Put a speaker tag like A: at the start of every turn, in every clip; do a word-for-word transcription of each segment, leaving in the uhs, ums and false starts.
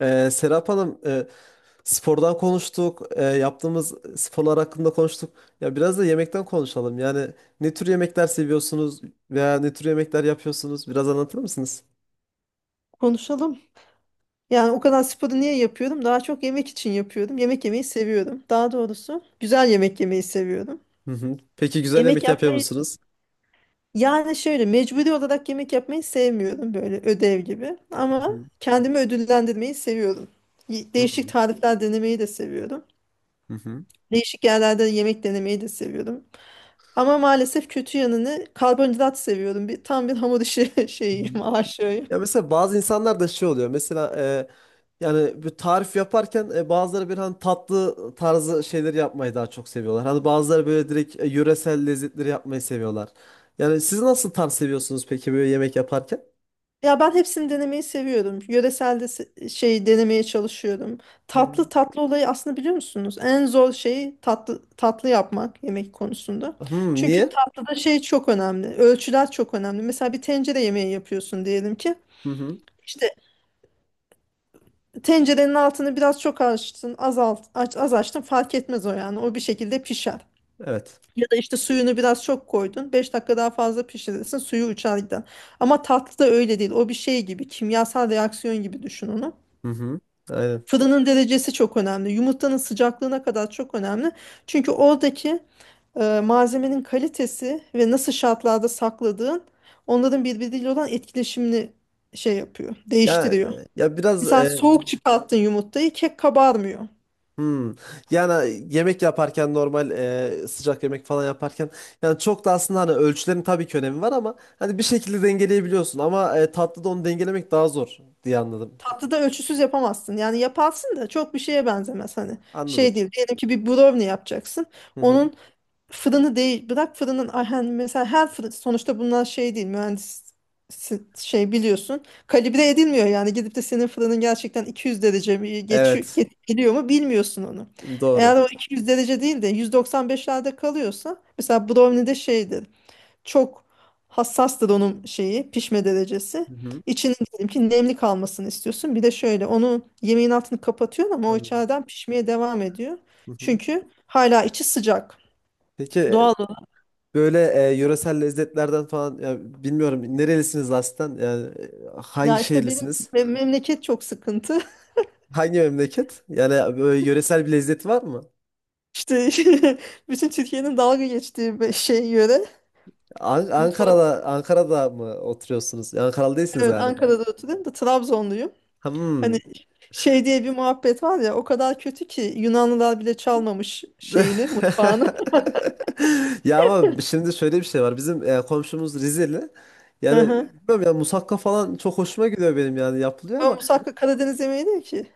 A: Ee, Serap Hanım, e, spordan konuştuk, e, yaptığımız sporlar hakkında konuştuk. Ya biraz da yemekten konuşalım. Yani ne tür yemekler seviyorsunuz veya ne tür yemekler yapıyorsunuz? Biraz anlatır mısınız?
B: Konuşalım. Yani o kadar sporu niye yapıyorum? Daha çok yemek için yapıyorum. Yemek yemeyi seviyorum. Daha doğrusu güzel yemek yemeyi seviyorum.
A: Hı hı. Peki güzel
B: Yemek
A: yemek yapıyor
B: yapmayı
A: musunuz?
B: yani şöyle mecburi olarak yemek yapmayı sevmiyorum böyle ödev gibi.
A: Hı
B: Ama
A: hı.
B: kendimi ödüllendirmeyi seviyorum. Y-
A: Hı
B: Değişik
A: hı.
B: tarifler denemeyi de seviyorum.
A: Hı
B: Değişik yerlerde yemek denemeyi de seviyorum. Ama maalesef kötü yanını karbonhidrat seviyorum. Bir, tam bir hamur işi
A: hı.
B: şeyim, aşığıyım.
A: Ya mesela bazı insanlar da şey oluyor. Mesela e, yani bir tarif yaparken e, bazıları bir hani tatlı tarzı şeyleri yapmayı daha çok seviyorlar. Hani bazıları böyle direkt e, yöresel lezzetleri yapmayı seviyorlar. Yani siz nasıl tarz seviyorsunuz peki böyle yemek yaparken?
B: Ya ben hepsini denemeyi seviyorum. Yöresel de se- şey denemeye çalışıyorum.
A: Hmm.
B: Tatlı tatlı olayı aslında biliyor musunuz? En zor şeyi tatlı tatlı yapmak yemek konusunda.
A: Hmm,
B: Çünkü
A: niye?
B: tatlıda şey çok önemli. Ölçüler çok önemli. Mesela bir tencere yemeği yapıyorsun diyelim ki.
A: Hı hı.
B: İşte tencerenin altını biraz çok açtın, azalt, aç, az açtın fark etmez o yani. O bir şekilde pişer.
A: Evet.
B: Ya da işte suyunu biraz çok koydun, beş dakika daha fazla pişirirsin suyu uçar gider. Ama tatlı da öyle değil. O bir şey gibi kimyasal reaksiyon gibi düşün onu.
A: Hı hı. Aynen.
B: Fırının derecesi çok önemli. Yumurtanın sıcaklığına kadar çok önemli. Çünkü oradaki e, malzemenin kalitesi ve nasıl şartlarda sakladığın onların birbiriyle olan etkileşimini şey yapıyor,
A: Ya
B: değiştiriyor.
A: e, ya biraz
B: Mesela
A: e,
B: soğuk çıkarttın yumurtayı kek kabarmıyor.
A: Hmm. Yani e, yemek yaparken normal e, sıcak yemek falan yaparken yani çok da aslında hani ölçülerin tabii ki önemi var ama hani bir şekilde dengeleyebiliyorsun ama e, tatlıda onu dengelemek daha zor diye anladım.
B: Tatlıda ölçüsüz yapamazsın. Yani yaparsın da çok bir şeye benzemez hani.
A: Anladım.
B: Şey değil. Diyelim ki bir brownie yapacaksın.
A: Hı hı.
B: Onun fırını değil. Bırak fırının ay hani mesela her fırın sonuçta bunlar şey değil. Mühendis şey biliyorsun. Kalibre edilmiyor yani. Gidip de senin fırının gerçekten iki yüz derece mi geçiyor,
A: Evet.
B: ge- geliyor mu bilmiyorsun onu.
A: Doğru.
B: Eğer o iki yüz derece değil de yüz doksan beşlerde kalıyorsa mesela brownie'de şeydir çok hassas onun şeyi pişme derecesi.
A: Hı hı.
B: İçinin diyelim ki nemli kalmasını istiyorsun. Bir de şöyle onu yemeğin altını kapatıyorsun ama o
A: Anladım.
B: içeriden pişmeye devam ediyor.
A: Hı hı.
B: Çünkü hala içi sıcak.
A: Peki e,
B: Doğal olarak.
A: böyle e, yöresel lezzetlerden falan ya bilmiyorum nerelisiniz aslında yani e, hangi
B: Ya işte benim
A: şehirlisiniz?
B: mem- memleket çok sıkıntı.
A: Hangi memleket? Yani böyle yöresel bir lezzet var mı?
B: İşte bütün Türkiye'nin dalga geçtiği bir şey yöre.
A: An-
B: Mutfak.
A: Ankara'da Ankara'da mı oturuyorsunuz? Ankaralı değilsiniz
B: Evet,
A: galiba.
B: Ankara'da oturuyorum da Trabzonluyum. Hani
A: Hmm.
B: şey diye bir muhabbet var ya, o kadar kötü ki Yunanlılar bile çalmamış şeyini, mutfağını.
A: Ya ama şimdi şöyle bir şey var. Bizim e, komşumuz Rizeli. Yani bilmiyorum ya musakka falan çok hoşuma gidiyor benim yani yapılıyor
B: Ama
A: ama
B: musakka Karadeniz yemeği değil ki.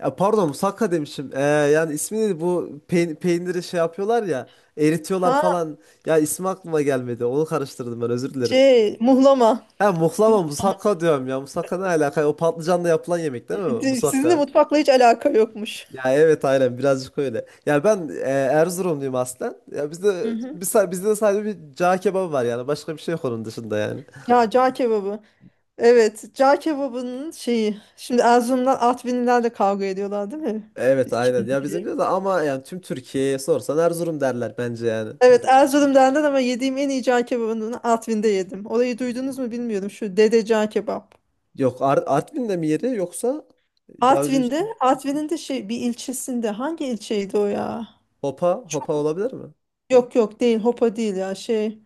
A: ya pardon musakka demişim. E, yani ismi neydi bu peyn- peyniri şey yapıyorlar ya eritiyorlar
B: Ha,
A: falan. Ya ismi aklıma gelmedi. Onu karıştırdım ben özür dilerim.
B: şey, muhlama.
A: Ha muhlama musakka diyorum ya. Musakka ne alaka? O patlıcanla yapılan yemek değil mi?
B: Sizin de
A: Musakka.
B: mutfakla hiç alaka yokmuş.
A: Ya evet aynen birazcık öyle. Ya ben e, Erzurumluyum aslen. Ya
B: Hı
A: bizde
B: hı.
A: biz, bizde de sadece bir cağ kebabı var yani. Başka bir şey yok onun dışında yani.
B: Ya, cağ kebabı. Evet, cağ kebabının şeyi. Şimdi Erzurum'dan Artvinliler de kavga ediyorlar değil mi?
A: Evet aynen.
B: Kim?
A: Ya bizim de ama yani tüm Türkiye'ye sorsan Erzurum derler bence yani.
B: Evet, Erzurum'dan ama yediğim en iyi cağ kebabını Artvin'de yedim. Orayı duydunuz mu bilmiyorum. Şu Dede Cağ Kebap.
A: Yok Ar Artvin'de mi yeri yoksa daha önce işte
B: Artvin'de, Artvin'in de şey bir ilçesinde. Hangi ilçeydi o ya?
A: Hopa Hopa
B: Çok,
A: olabilir mi?
B: yok yok değil, Hopa değil ya, şey.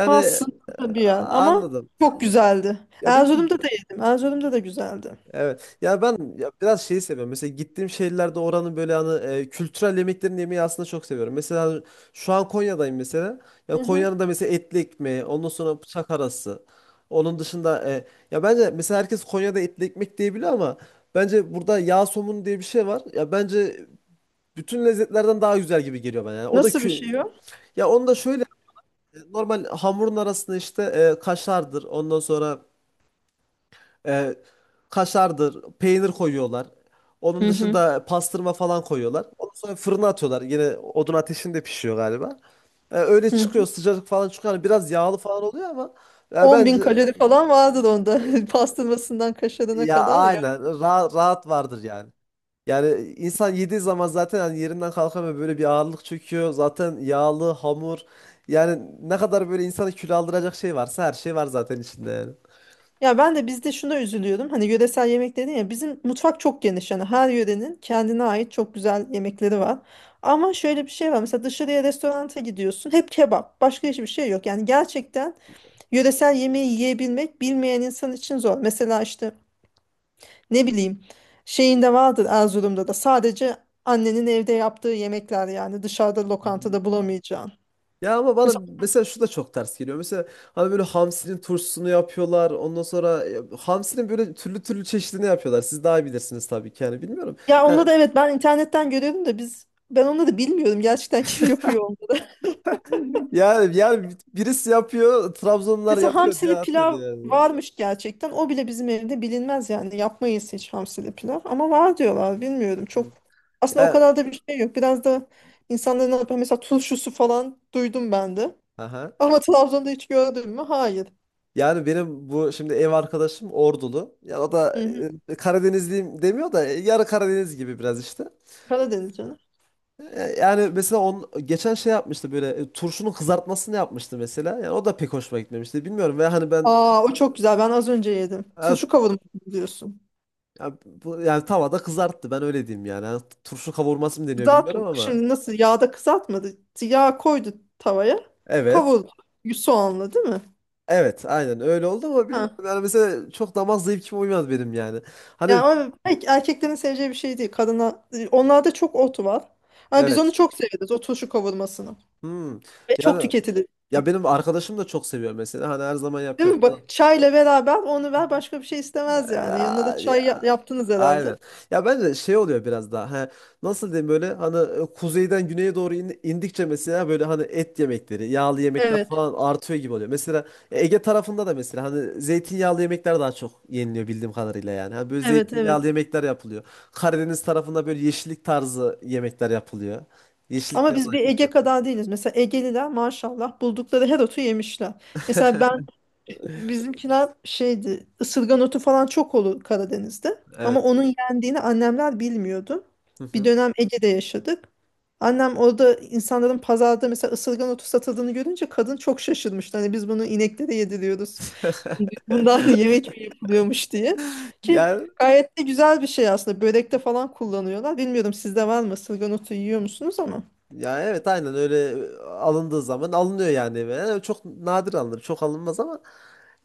B: Ta sınırlı bir
A: a-
B: yer ama
A: anladım.
B: çok güzeldi.
A: Ya bilmiyorum.
B: Erzurum'da da yedim. Erzurum'da da güzeldi.
A: Evet. Ya ben ya biraz şeyi seviyorum. Mesela gittiğim şehirlerde oranın böyle hani e, kültürel yemeklerini yemeyi aslında çok seviyorum. Mesela şu an Konya'dayım mesela.
B: Hı
A: Ya
B: hı.
A: Konya'nın da mesela etli ekmeği, ondan sonra bıçak arası. Onun dışında e, ya bence mesela herkes Konya'da etli ekmek diyebiliyor ama bence burada yağ somunu diye bir şey var. Ya bence bütün lezzetlerden daha güzel gibi geliyor bana. Yani o da
B: Nasıl bir
A: kü
B: şey o?
A: ya onu da şöyle e, normal hamurun arasında işte e, kaşardır. Ondan sonra e, kaşardır, peynir koyuyorlar. Onun
B: Hı hı.
A: dışında pastırma falan koyuyorlar. Ondan sonra fırına atıyorlar. Yine odun ateşinde pişiyor galiba. E, öyle
B: Hı.
A: çıkıyor sıcacık falan çıkıyor. Hani biraz yağlı falan oluyor ama ya
B: on bin
A: bence
B: kalori falan vardır onda.
A: e,
B: Pastırmasından kaşarına
A: ya
B: kadar. Ya,
A: aynen ra- rahat vardır yani. Yani insan yediği zaman zaten hani yerinden kalkamıyor böyle bir ağırlık çöküyor. Zaten yağlı, hamur. Yani ne kadar böyle insanı kilo aldıracak şey varsa her şey var zaten içinde yani.
B: ya ben de bizde şuna üzülüyorum. Hani yöresel yemek dedin ya, bizim mutfak çok geniş. Yani her yörenin kendine ait çok güzel yemekleri var. Ama şöyle bir şey var. Mesela dışarıya restoranta gidiyorsun. Hep kebap. Başka hiçbir şey yok. Yani gerçekten yöresel yemeği yiyebilmek bilmeyen insan için zor. Mesela işte ne bileyim, şeyinde vardır Erzurum'da da, sadece annenin evde yaptığı yemekler yani, dışarıda lokantada bulamayacağın.
A: Ya ama bana
B: Mesela,
A: mesela şu da çok ters geliyor. Mesela hani böyle hamsinin turşusunu yapıyorlar. Ondan sonra ya, hamsinin böyle türlü türlü çeşidini yapıyorlar. Siz daha iyi bilirsiniz tabii ki yani bilmiyorum.
B: ya
A: Yani
B: onları da, evet, ben internetten görüyorum da biz, ben onları da bilmiyorum gerçekten kim yapıyor onları.
A: yani, yani birisi yapıyor, Trabzonlular
B: Mesela
A: yapıyor diye
B: hamsili
A: atmadı
B: pilav
A: yani.
B: varmış, gerçekten o bile bizim evde bilinmez yani, yapmayız hiç hamsili pilav, ama var diyorlar, bilmiyorum.
A: Hı.
B: Çok aslında o
A: Ya,
B: kadar da bir şey yok, biraz da insanların ne yapıyor mesela, turşusu falan duydum ben de,
A: aha.
B: ama Trabzon'da hiç gördün mü? Hayır.
A: Yani benim bu şimdi ev arkadaşım Ordulu. Ya o
B: Hı
A: da
B: hı.
A: e, Karadenizliyim demiyor da e, yarı Karadeniz gibi biraz işte.
B: Karadeniz canım.
A: Yani mesela on geçen şey yapmıştı böyle e, turşunun kızartmasını yapmıştı mesela. Yani o da pek hoşuma gitmemişti. Bilmiyorum ve hani ben
B: Aa, o çok güzel. Ben az önce yedim.
A: ha,
B: Şu kavurma diyorsun.
A: ya bu- yani tavada kızarttı. Ben öyle diyeyim yani. Hani turşu kavurması mı deniyor
B: Kızart
A: bilmiyorum ama.
B: Şimdi nasıl yağda kızartmadı. Yağ koydu tavaya.
A: Evet.
B: Kavurdu. Soğanla değil mi?
A: Evet, aynen öyle oldu ama
B: Ha.
A: bilmiyorum. Yani mesela çok damak zevkime uymadı benim yani.
B: Yani
A: Hani
B: ama pek erkeklerin seveceği bir şey değil. Kadına, onlarda çok ot var. Ama biz onu
A: evet.
B: çok severiz. O turşu kavurmasını.
A: Hmm.
B: Ve çok
A: Yani
B: tüketilir.
A: ya benim arkadaşım da çok seviyor mesela. Hani her zaman
B: Değil
A: yapıyor
B: mi?
A: falan.
B: Bak çayla beraber onu ver, başka bir şey istemez yani. Yanına da çay ya- yaptınız herhalde.
A: Aynen. Ya bence de şey oluyor biraz daha. He, nasıl diyeyim böyle hani e, kuzeyden güneye doğru in- indikçe mesela böyle hani et yemekleri, yağlı yemekler
B: Evet,
A: falan artıyor gibi oluyor. Mesela Ege tarafında da mesela hani zeytinyağlı yemekler daha çok yeniliyor bildiğim kadarıyla yani. Hani böyle
B: evet, evet.
A: zeytinyağlı yemekler yapılıyor. Karadeniz tarafında böyle yeşillik tarzı yemekler yapılıyor.
B: Ama
A: Yeşillikler
B: biz
A: olan
B: bir Ege
A: yemekler.
B: kadar değiliz. Mesela Egeliler maşallah buldukları her otu yemişler. Mesela ben, bizimkiler şeydi, ısırgan otu falan çok olur Karadeniz'de. Ama
A: Evet.
B: onun yendiğini annemler bilmiyordu.
A: Hı
B: Bir
A: hı.
B: dönem Ege'de yaşadık. Annem orada insanların pazarda mesela ısırgan otu satıldığını görünce kadın çok şaşırmıştı. Hani biz bunu ineklere yediriyoruz. Bundan da yemek mi yapılıyormuş diye. Ki
A: Yani
B: gayet de güzel bir şey aslında. Börekte falan kullanıyorlar. Bilmiyorum, sizde var mı? Isırgan otu yiyor musunuz ama?
A: ya evet aynen öyle e, alındığı zaman alınıyor yani. Eve. Yani çok nadir alınır. Çok alınmaz ama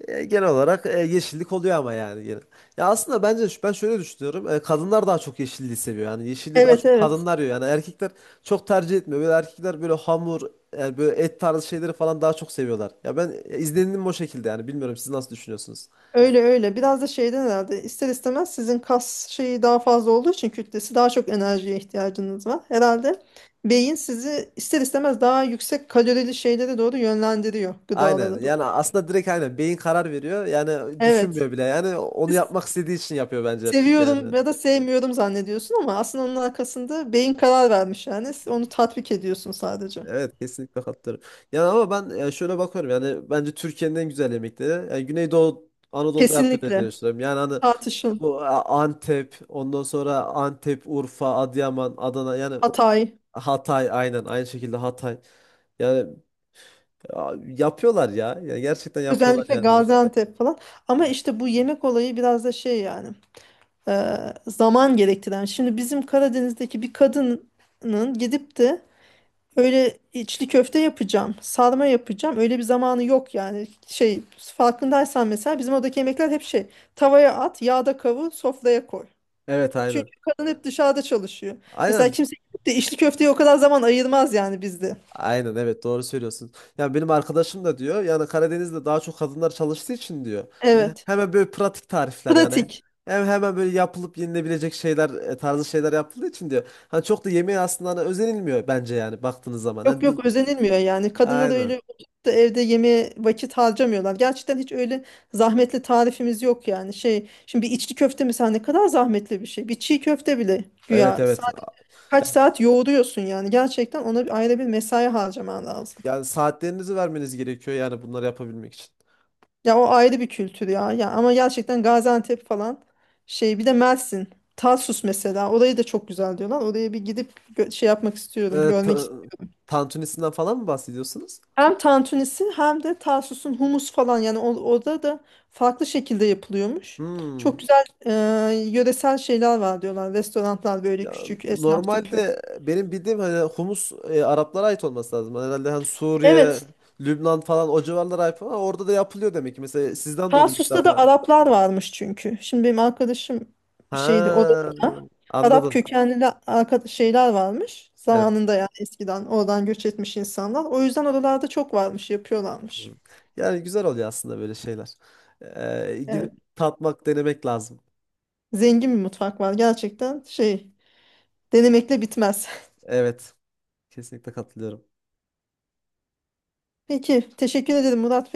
A: E, genel olarak e, yeşillik oluyor ama yani gene. Ya aslında bence ş- ben şöyle düşünüyorum. E, kadınlar daha çok yeşilliği seviyor. Yani yeşilliği daha
B: Evet,
A: çok
B: evet.
A: kadınlar yiyor. Yani erkekler çok tercih etmiyor. Böyle erkekler böyle hamur, yani böyle et tarzı şeyleri falan daha çok seviyorlar. Ya ben e, izlenimim o şekilde yani. Bilmiyorum siz nasıl düşünüyorsunuz?
B: Öyle öyle. Biraz da şeyden herhalde, ister istemez sizin kas şeyi daha fazla olduğu için, kütlesi, daha çok enerjiye ihtiyacınız var. Herhalde beyin sizi ister istemez daha yüksek kalorili şeylere doğru yönlendiriyor,
A: Aynen.
B: gıdalara doğru.
A: Yani aslında direkt aynen beyin karar veriyor. Yani
B: Evet.
A: düşünmüyor bile. Yani onu
B: Siz
A: yapmak istediği için yapıyor bence erkek yani.
B: seviyorum ya da sevmiyorum zannediyorsun ama aslında onun arkasında beyin karar vermiş yani. Siz onu tatbik ediyorsun sadece.
A: Evet kesinlikle katılıyorum. Yani ama ben e, şöyle bakıyorum yani bence Türkiye'nin en güzel yemekleri yani Güneydoğu Anadolu'da yapılıyor diye
B: Kesinlikle.
A: düşünüyorum. Yani hani
B: Tartışın.
A: bu e, Antep, ondan sonra Antep, Urfa, Adıyaman, Adana yani
B: Hatay.
A: Hatay aynen aynı şekilde Hatay. Yani a, yapıyorlar ya. Yani gerçekten yapıyorlar
B: Özellikle
A: yani.
B: Gaziantep falan. Ama işte bu yemek olayı biraz da şey yani, e, zaman gerektiren. Şimdi bizim Karadeniz'deki bir kadının gidip de öyle içli köfte yapacağım, sarma yapacağım, öyle bir zamanı yok yani. Şey, farkındaysan mesela bizim oradaki yemekler hep şey: tavaya at, yağda kavur, sofraya koy.
A: Evet
B: Çünkü
A: aynen.
B: kadın hep dışarıda çalışıyor. Mesela
A: Aynen
B: kimse gidip de içli köfteye o kadar zaman ayırmaz yani bizde.
A: Aynen evet doğru söylüyorsun. Yani benim arkadaşım da diyor yani Karadeniz'de daha çok kadınlar çalıştığı için diyor. Yani
B: Evet.
A: hemen böyle pratik tarifler yani.
B: Pratik.
A: Hem hemen böyle yapılıp yenilebilecek şeyler e, tarzı şeyler yapıldığı için diyor. Hani çok da yemeğe aslında hani özenilmiyor bence yani baktığınız zaman.
B: Yok
A: Hani d-
B: yok, özenilmiyor yani. Kadınlar da
A: aynen.
B: öyle oturup da evde yemeğe vakit harcamıyorlar. Gerçekten hiç öyle zahmetli tarifimiz yok yani. Şey, şimdi bir içli köfte mesela ne kadar zahmetli bir şey. Bir çiğ köfte bile
A: Evet
B: güya
A: evet.
B: saat, kaç saat yoğuruyorsun yani. Gerçekten ona bir ayrı bir mesai harcaman lazım.
A: Yani saatlerinizi vermeniz gerekiyor yani bunları yapabilmek için.
B: Ya o ayrı bir kültür ya. Ya ama gerçekten Gaziantep falan, şey, bir de Mersin, Tarsus mesela, orayı da çok güzel diyorlar. Oraya bir gidip gö- şey yapmak istiyorum,
A: Ee, ta-
B: görmek.
A: tantunisinden falan mı bahsediyorsunuz?
B: Hem tantunisi hem de Tarsus'un humus falan yani, o- orada da farklı şekilde yapılıyormuş.
A: Hmm.
B: Çok güzel e, yöresel şeyler var diyorlar. Restoranlar böyle
A: Ya
B: küçük esnaf tipi.
A: normalde benim bildiğim hani humus e, Araplara ait olması lazım. Hani Herhalde hani Suriye,
B: Evet.
A: Lübnan falan o civarlara ait ama orada da yapılıyor demek ki. Mesela sizden duydum ilk
B: Tarsus'ta da
A: defa.
B: Araplar varmış çünkü. Şimdi benim arkadaşım şeydi orada
A: Ha,
B: da, Arap
A: anladım.
B: kökenli arka- şeyler varmış.
A: Evet.
B: Zamanında yani eskiden oradan göç etmiş insanlar. O yüzden oralarda çok varmış, yapıyorlarmış.
A: Hı. Yani güzel oluyor aslında böyle şeyler. Ee, gidip
B: Evet.
A: tatmak, denemek lazım.
B: Zengin bir mutfak var. Gerçekten şey, denemekle bitmez.
A: Evet. Kesinlikle katılıyorum.
B: Peki, teşekkür ederim Murat.